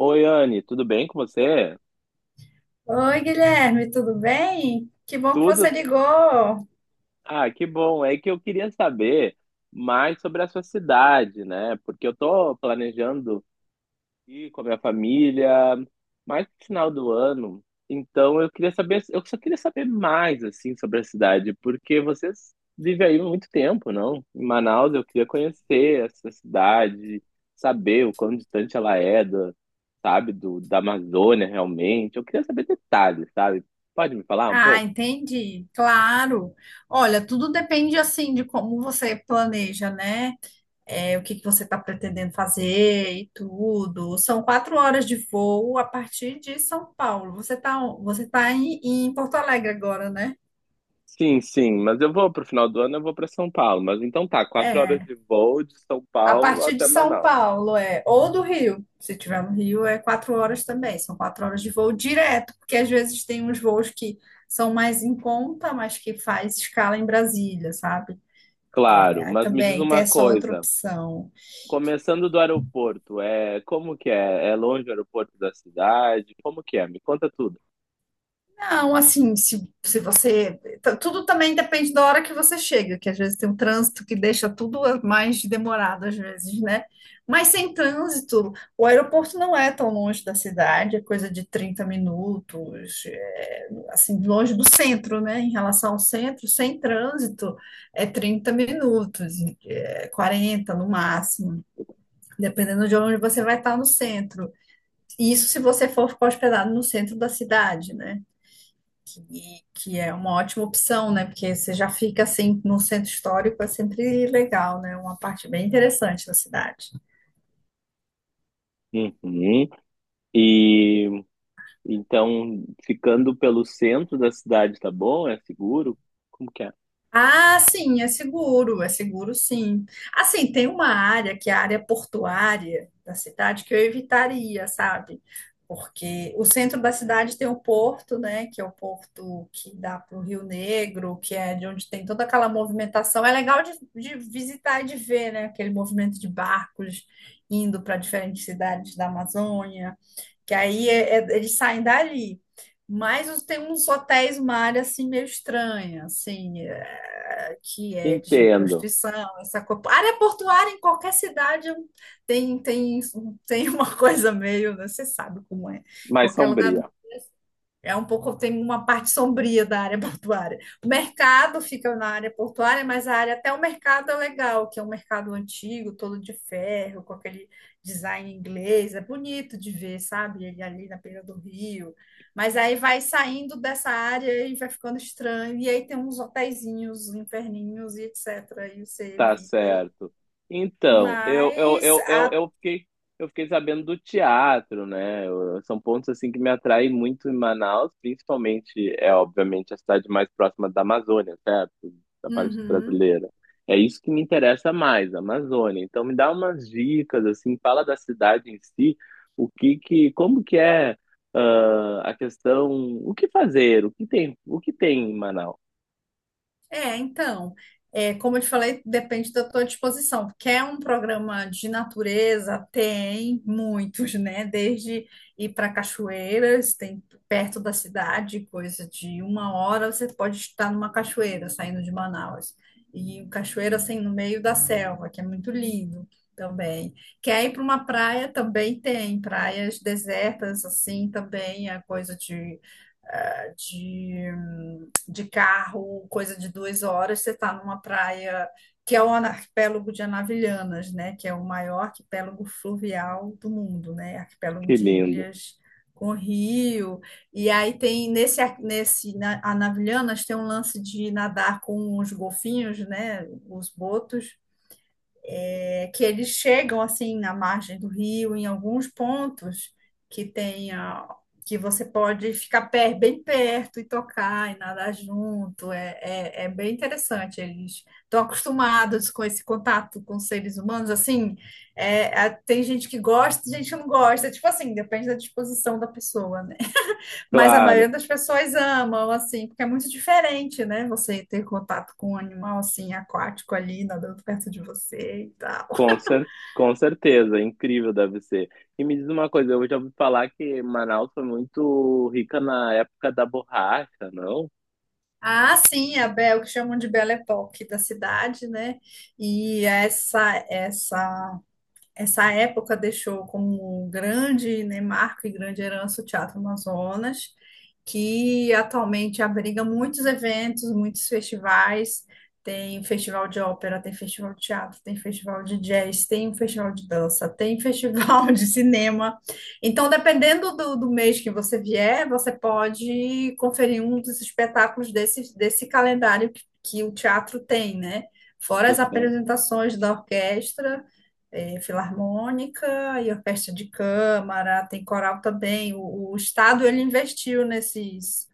Oi, Anne, tudo bem com você? Oi, Guilherme, tudo bem? Que bom que você Tudo? ligou. Ah, que bom. É que eu queria saber mais sobre a sua cidade, né? Porque eu tô planejando ir com a minha família mais no final do ano. Então eu queria saber, eu só queria saber mais assim sobre a cidade, porque vocês vivem aí há muito tempo, não? Em Manaus, eu queria conhecer essa cidade, saber o quão distante ela é da, sabe, da Amazônia realmente. Eu queria saber detalhes, sabe? Pode me falar um Ah, pouco? entendi, claro. Olha, tudo depende assim de como você planeja, né? É, o que que você está pretendendo fazer e tudo. São 4 horas de voo a partir de São Paulo. Você tá em Porto Alegre agora, né? Sim, sim, mas eu vou pro final do ano, eu vou para São Paulo. Mas então tá, quatro horas É. de voo de São A Paulo partir de até São Manaus. Paulo é, ou do Rio, se tiver no Rio, é quatro horas também, são quatro horas de voo direto, porque às vezes tem uns voos que são mais em conta, mas que faz escala em Brasília, sabe? Claro, Aí mas me diz também tem uma essa outra coisa. opção. Começando do aeroporto, é como que é? É longe o aeroporto da cidade? Como que é? Me conta tudo. Não, assim, se você. Tudo também depende da hora que você chega, que às vezes tem um trânsito que deixa tudo mais demorado, às vezes, né? Mas sem trânsito, o aeroporto não é tão longe da cidade, é coisa de 30 minutos, é, assim, longe do centro, né? Em relação ao centro, sem trânsito, é 30 minutos, é 40 no máximo, dependendo de onde você vai estar no centro. Isso se você for ficar hospedado no centro da cidade, né? Que é uma ótima opção, né? Porque você já fica assim no centro histórico, é sempre legal, né? Uma parte bem interessante da cidade. Uhum. E então, ficando pelo centro da cidade, tá bom? É seguro? Como que é? Ah, sim, é seguro sim. Assim, tem uma área que é a área portuária da cidade que eu evitaria, sabe? Porque o centro da cidade tem o porto, né? Que é o porto que dá para o Rio Negro, que é de onde tem toda aquela movimentação. É legal de visitar e de ver, né? Aquele movimento de barcos indo para diferentes cidades da Amazônia que aí eles saem dali. Mas tem uns hotéis, uma área assim meio estranha, assim, é, que é de Entendo. prostituição, essa coisa. Área portuária em qualquer cidade tem, tem, tem uma coisa meio, né, você sabe como é. Mais Qualquer lugar do sombria. é um pouco, tem uma parte sombria da área portuária. O mercado fica na área portuária, mas a área até o mercado é legal, que é um mercado antigo, todo de ferro, com aquele design inglês. É bonito de ver, sabe? Ele ali na beira do rio. Mas aí vai saindo dessa área e vai ficando estranho. E aí tem uns hotéisinhos, inferninhos e etc. E você Tá evita aí. certo. Então, eu, eu, Mas eu, a, eu, eu fiquei, eu fiquei sabendo do teatro, né? Eu- são pontos assim que me atraem muito em Manaus, principalmente, é obviamente a cidade mais próxima da Amazônia, certo? Da parte Uhum. brasileira. É isso que me interessa mais, a Amazônia. Então, me dá umas dicas assim, fala da cidade em si, o que que, como que é a questão, o que fazer, o que tem em Manaus? É, então, é, como eu te falei, depende da tua disposição. Quer um programa de natureza? Tem muitos, né? Desde ir para cachoeiras, tem perto da cidade, coisa de uma hora, você pode estar numa cachoeira saindo de Manaus. E cachoeira assim no meio da selva, que é muito lindo também. Quer ir para uma praia? Também tem praias desertas, assim, também é coisa de de, de carro, coisa de 2 horas, você está numa praia que é o arquipélago de Anavilhanas, né? Que é o maior arquipélago fluvial do mundo, né? Arquipélago Que de lindo. ilhas com rio. E aí tem nesse Anavilhanas tem um lance de nadar com os golfinhos, né? Os botos é que eles chegam assim na margem do rio, em alguns pontos que tenha que você pode ficar bem perto e tocar e nadar junto. É bem interessante. Eles estão acostumados com esse contato com seres humanos. Assim, é, tem gente que gosta, gente que não gosta. Tipo assim, depende da disposição da pessoa, né? Mas a maioria Claro. das pessoas amam, assim, porque é muito diferente, né? Você ter contato com um animal assim aquático ali nadando perto de você e tal. Com cer com certeza, incrível deve ser. E me diz uma coisa, eu já ouvi falar que Manaus foi muito rica na época da borracha, não? Ah, sim, a Bel, que chamam de Belle Époque da cidade, né? E essa época deixou como um grande, né, marco e grande herança o Teatro Amazonas, que atualmente abriga muitos eventos, muitos festivais. Tem festival de ópera, tem festival de teatro, tem festival de jazz, tem festival de dança, tem festival de cinema. Então, dependendo do mês que você vier, você pode conferir um dos espetáculos desse calendário que o teatro tem, né? Fora Tá as certo. apresentações da orquestra, eh, filarmônica e orquestra de câmara, tem coral também. O Estado ele investiu nesses,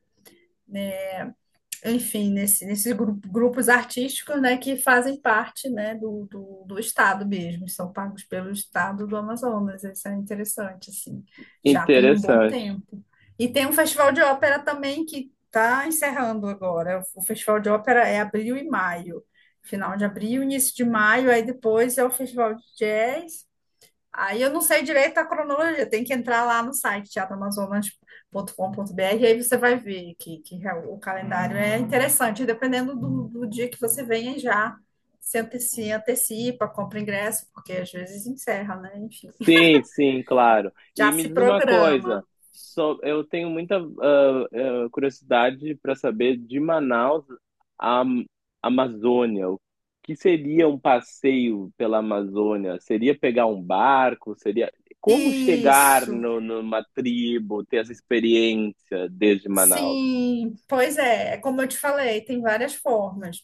enfim, nesses grupos artísticos, né, que fazem parte, né, do Estado mesmo, são pagos pelo Estado do Amazonas. Isso é interessante, assim. Já tem um bom Interessante. tempo. E tem um festival de ópera também que está encerrando agora. O festival de ópera é abril e maio. Final de abril, início de maio, aí depois é o festival de jazz, aí eu não sei direito a cronologia, tem que entrar lá no site teatroamazonas.com.br, aí você vai ver que o calendário é interessante, dependendo do dia que você venha já se antecipa, compra ingresso, porque às vezes encerra, né? Enfim, Sim, sim, claro. E já me se diz uma programa. coisa, só eu tenho muita curiosidade para saber de Manaus à Amazônia. O que seria um passeio pela Amazônia? Seria pegar um barco? Seria como chegar Isso. no, numa tribo, ter essa experiência desde Manaus? Sim, pois é, é como eu te falei, tem várias formas.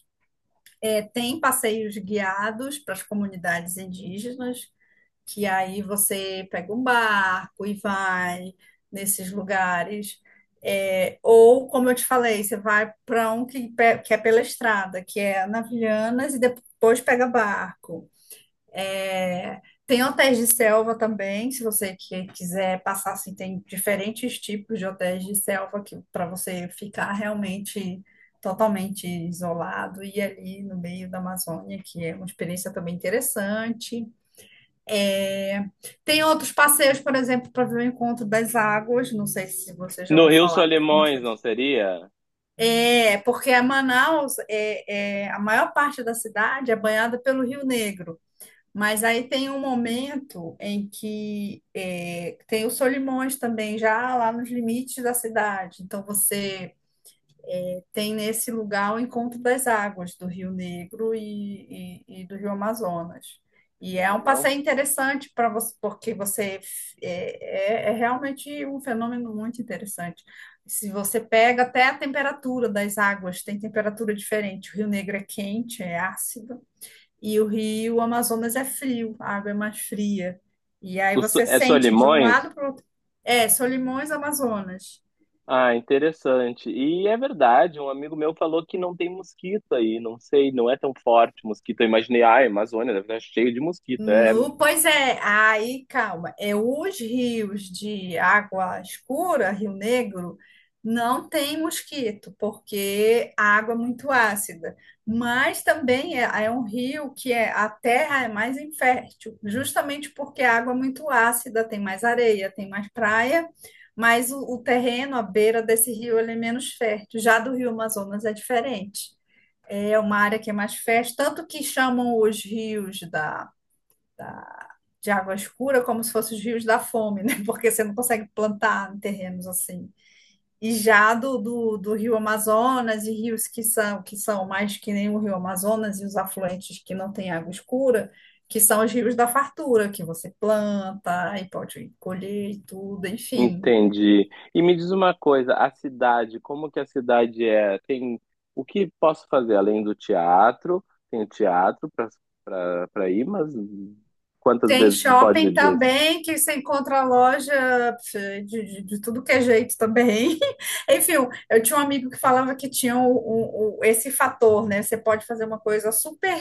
É, tem passeios guiados para as comunidades indígenas, que aí você pega um barco e vai nesses lugares. É, ou, como eu te falei, você vai para um que é pela estrada, que é Navilhanas, e depois pega barco. É, tem hotéis de selva também, se você quiser passar, assim, tem diferentes tipos de hotéis de selva que para você ficar realmente totalmente isolado e ali no meio da Amazônia, que é uma experiência também interessante. Tem outros passeios, por exemplo, para ver o Encontro das Águas. Não sei se você já No ouviu Rio falar do Solimões, Encontro. não seria? É, porque a Manaus, é, é- a maior parte da cidade é banhada pelo Rio Negro. Mas aí tem um momento em que é, tem o Solimões também, já lá nos limites da cidade. Então você tem nesse lugar o encontro das águas do Rio Negro e, e do Rio Amazonas. E é Incrível, um não? passeio interessante para você, porque você é realmente um fenômeno muito interessante. Se você pega até a temperatura das águas, tem temperatura diferente. O Rio Negro é quente, é ácido, e o Rio Amazonas é frio, a água é mais fria. E aí você É sente de um Solimões? lado para o outro. É, Solimões, Amazonas. Ah, interessante. E é verdade, um amigo meu falou que não tem mosquito aí, não sei, não é tão forte mosquito. Eu imaginei, ah, a Amazônia deve estar cheio de mosquito. É, No, pois é, aí calma, é os rios de água escura, Rio Negro, não tem mosquito, porque a água é muito ácida, mas também é, é um rio que é, a terra é mais infértil, justamente porque a água é muito ácida, tem mais areia, tem mais praia, mas o terreno à beira desse rio ele é menos fértil, já do Rio Amazonas é diferente. É uma área que é mais fértil, tanto que chamam os rios da de água escura, como se fossem os rios da fome, né? Porque você não consegue plantar em terrenos assim. E já do Rio Amazonas e rios que são mais que nem o Rio Amazonas e os afluentes que não têm água escura, que são os rios da fartura, que você planta e pode colher e tudo, enfim. entendi. E me diz uma coisa, a cidade, como que a cidade é? Tem o que posso fazer além do teatro? Tem teatro para para ir, mas quantas Tem vezes tu pode ir shopping duas? também, que você encontra loja de tudo que é jeito também. Enfim, eu tinha um amigo que falava que tinha esse fator, né? Você pode fazer uma coisa super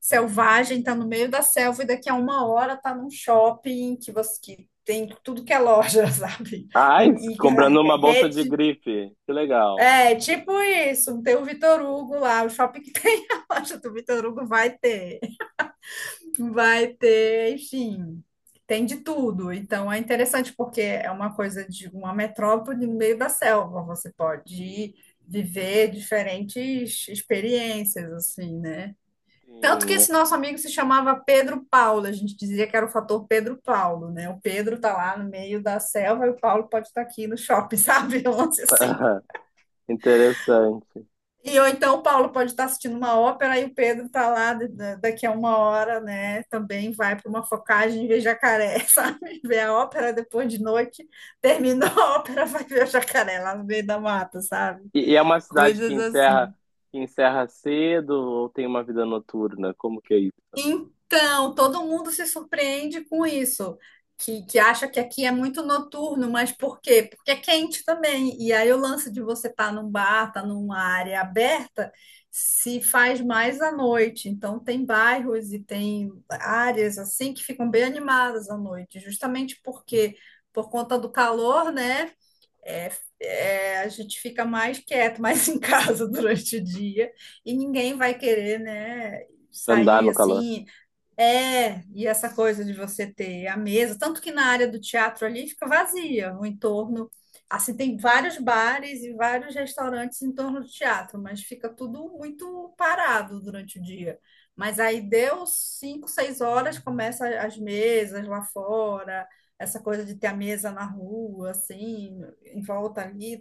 selvagem, tá no meio da selva e daqui a uma hora tá num shopping que você que tem tudo que é loja, sabe? Ai, E a comprando uma bolsa de rede. grife. Que legal. É tipo isso, tem o Vitor Hugo lá, o shopping que tem a loja do Vitor Hugo vai ter. Vai ter, enfim, tem de tudo. Então é interessante porque é uma coisa de uma metrópole no meio da selva. Você pode ir viver diferentes experiências, assim, né? Tanto que Sim. esse nosso amigo se chamava Pedro Paulo, a gente dizia que era o fator Pedro Paulo, né? O Pedro tá lá no meio da selva e o Paulo pode estar aqui no shopping, sabe? Um lance assim. Interessante. E ou então o Paulo pode estar assistindo uma ópera e o Pedro está lá daqui a uma hora, né? Também vai para uma focagem e vê jacaré, sabe? Vê a ópera depois de noite, terminou a ópera, vai ver o jacaré lá no meio da mata, sabe? E, é uma cidade que Coisas assim. que encerra cedo ou tem uma vida noturna? Como que é isso também? Então, todo mundo se surpreende com isso, que acha que aqui é muito noturno, mas por quê? Porque é quente também. E aí o lance de você estar num bar, estar numa área aberta, se faz mais à noite. Então, tem bairros e tem áreas assim que ficam bem animadas à noite, justamente porque, por conta do calor, né? é- a gente fica mais quieto, mais em casa durante o dia, e ninguém vai querer, né? Andar Sair no calor. assim, é, e essa coisa de você ter a mesa, tanto que na área do teatro ali fica vazia, o entorno, assim, tem vários bares e vários restaurantes em torno do teatro, mas fica tudo muito parado durante o dia. Mas aí deu cinco, seis horas, começa as mesas lá fora, essa coisa de ter a mesa na rua, assim, em volta ali,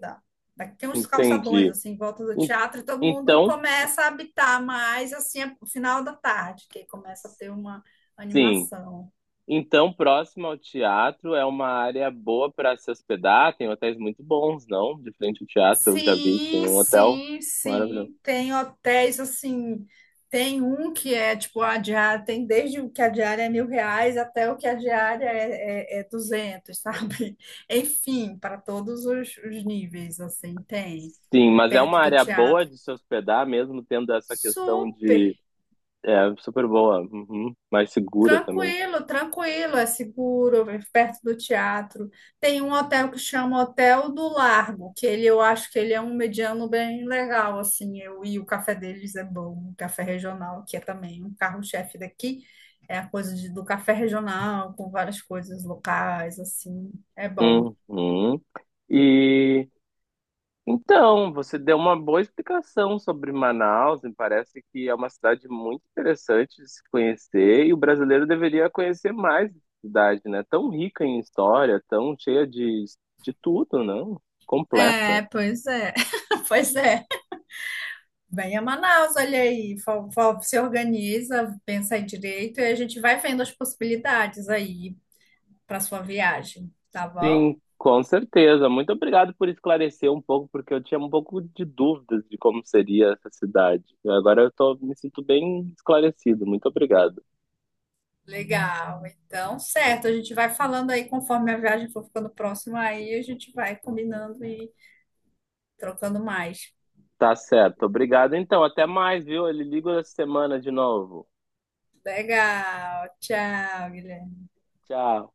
daqui tem uns calçadões Entendi. assim em volta do En- teatro e todo mundo Então, começa a habitar mais assim no final da tarde, que começa a ter uma sim. animação. Então, próximo ao teatro é uma área boa para se hospedar. Tem hotéis muito bons, não? De frente ao teatro, eu já vi, que tem Sim, um hotel sim, maravilhoso. sim. Tem hotéis assim, tem um que é tipo a diária, tem desde o que a diária é R$ 1.000 até o que a diária é 200, sabe? Enfim, para todos os níveis, assim, tem Sim, mas é uma perto do área boa teatro. de se hospedar, mesmo tendo essa questão de. Super! É, super boa, uhum, mais segura também. Tranquilo, tranquilo, é seguro, é perto do teatro. Tem um hotel que chama Hotel do Largo, que ele eu acho que ele é um mediano bem legal, assim, eu e o café deles é bom, o café regional, que é também um carro-chefe daqui, é a coisa do café regional, com várias coisas locais, assim, é bom. Uhum. E Então, você deu uma boa explicação sobre Manaus, me parece que é uma cidade muito interessante de se conhecer e o brasileiro deveria conhecer mais essa cidade, né? Tão rica em história, tão cheia de tudo, não? Completa. É, pois é. Pois é, venha a Manaus, olha aí, se organiza, pensa aí direito e a gente vai vendo as possibilidades aí para sua viagem, tá bom? Sim, com certeza. Muito obrigado por esclarecer um pouco, porque eu tinha um pouco de dúvidas de como seria essa cidade. Agora eu tô, me sinto bem esclarecido. Muito obrigado. Legal. Então, certo, a gente vai falando aí conforme a viagem for ficando próxima aí, a gente vai combinando e trocando mais. Tá certo. Obrigado então. Até mais, viu? Ele liga essa semana de novo. Legal. Tchau, Guilherme. Tchau.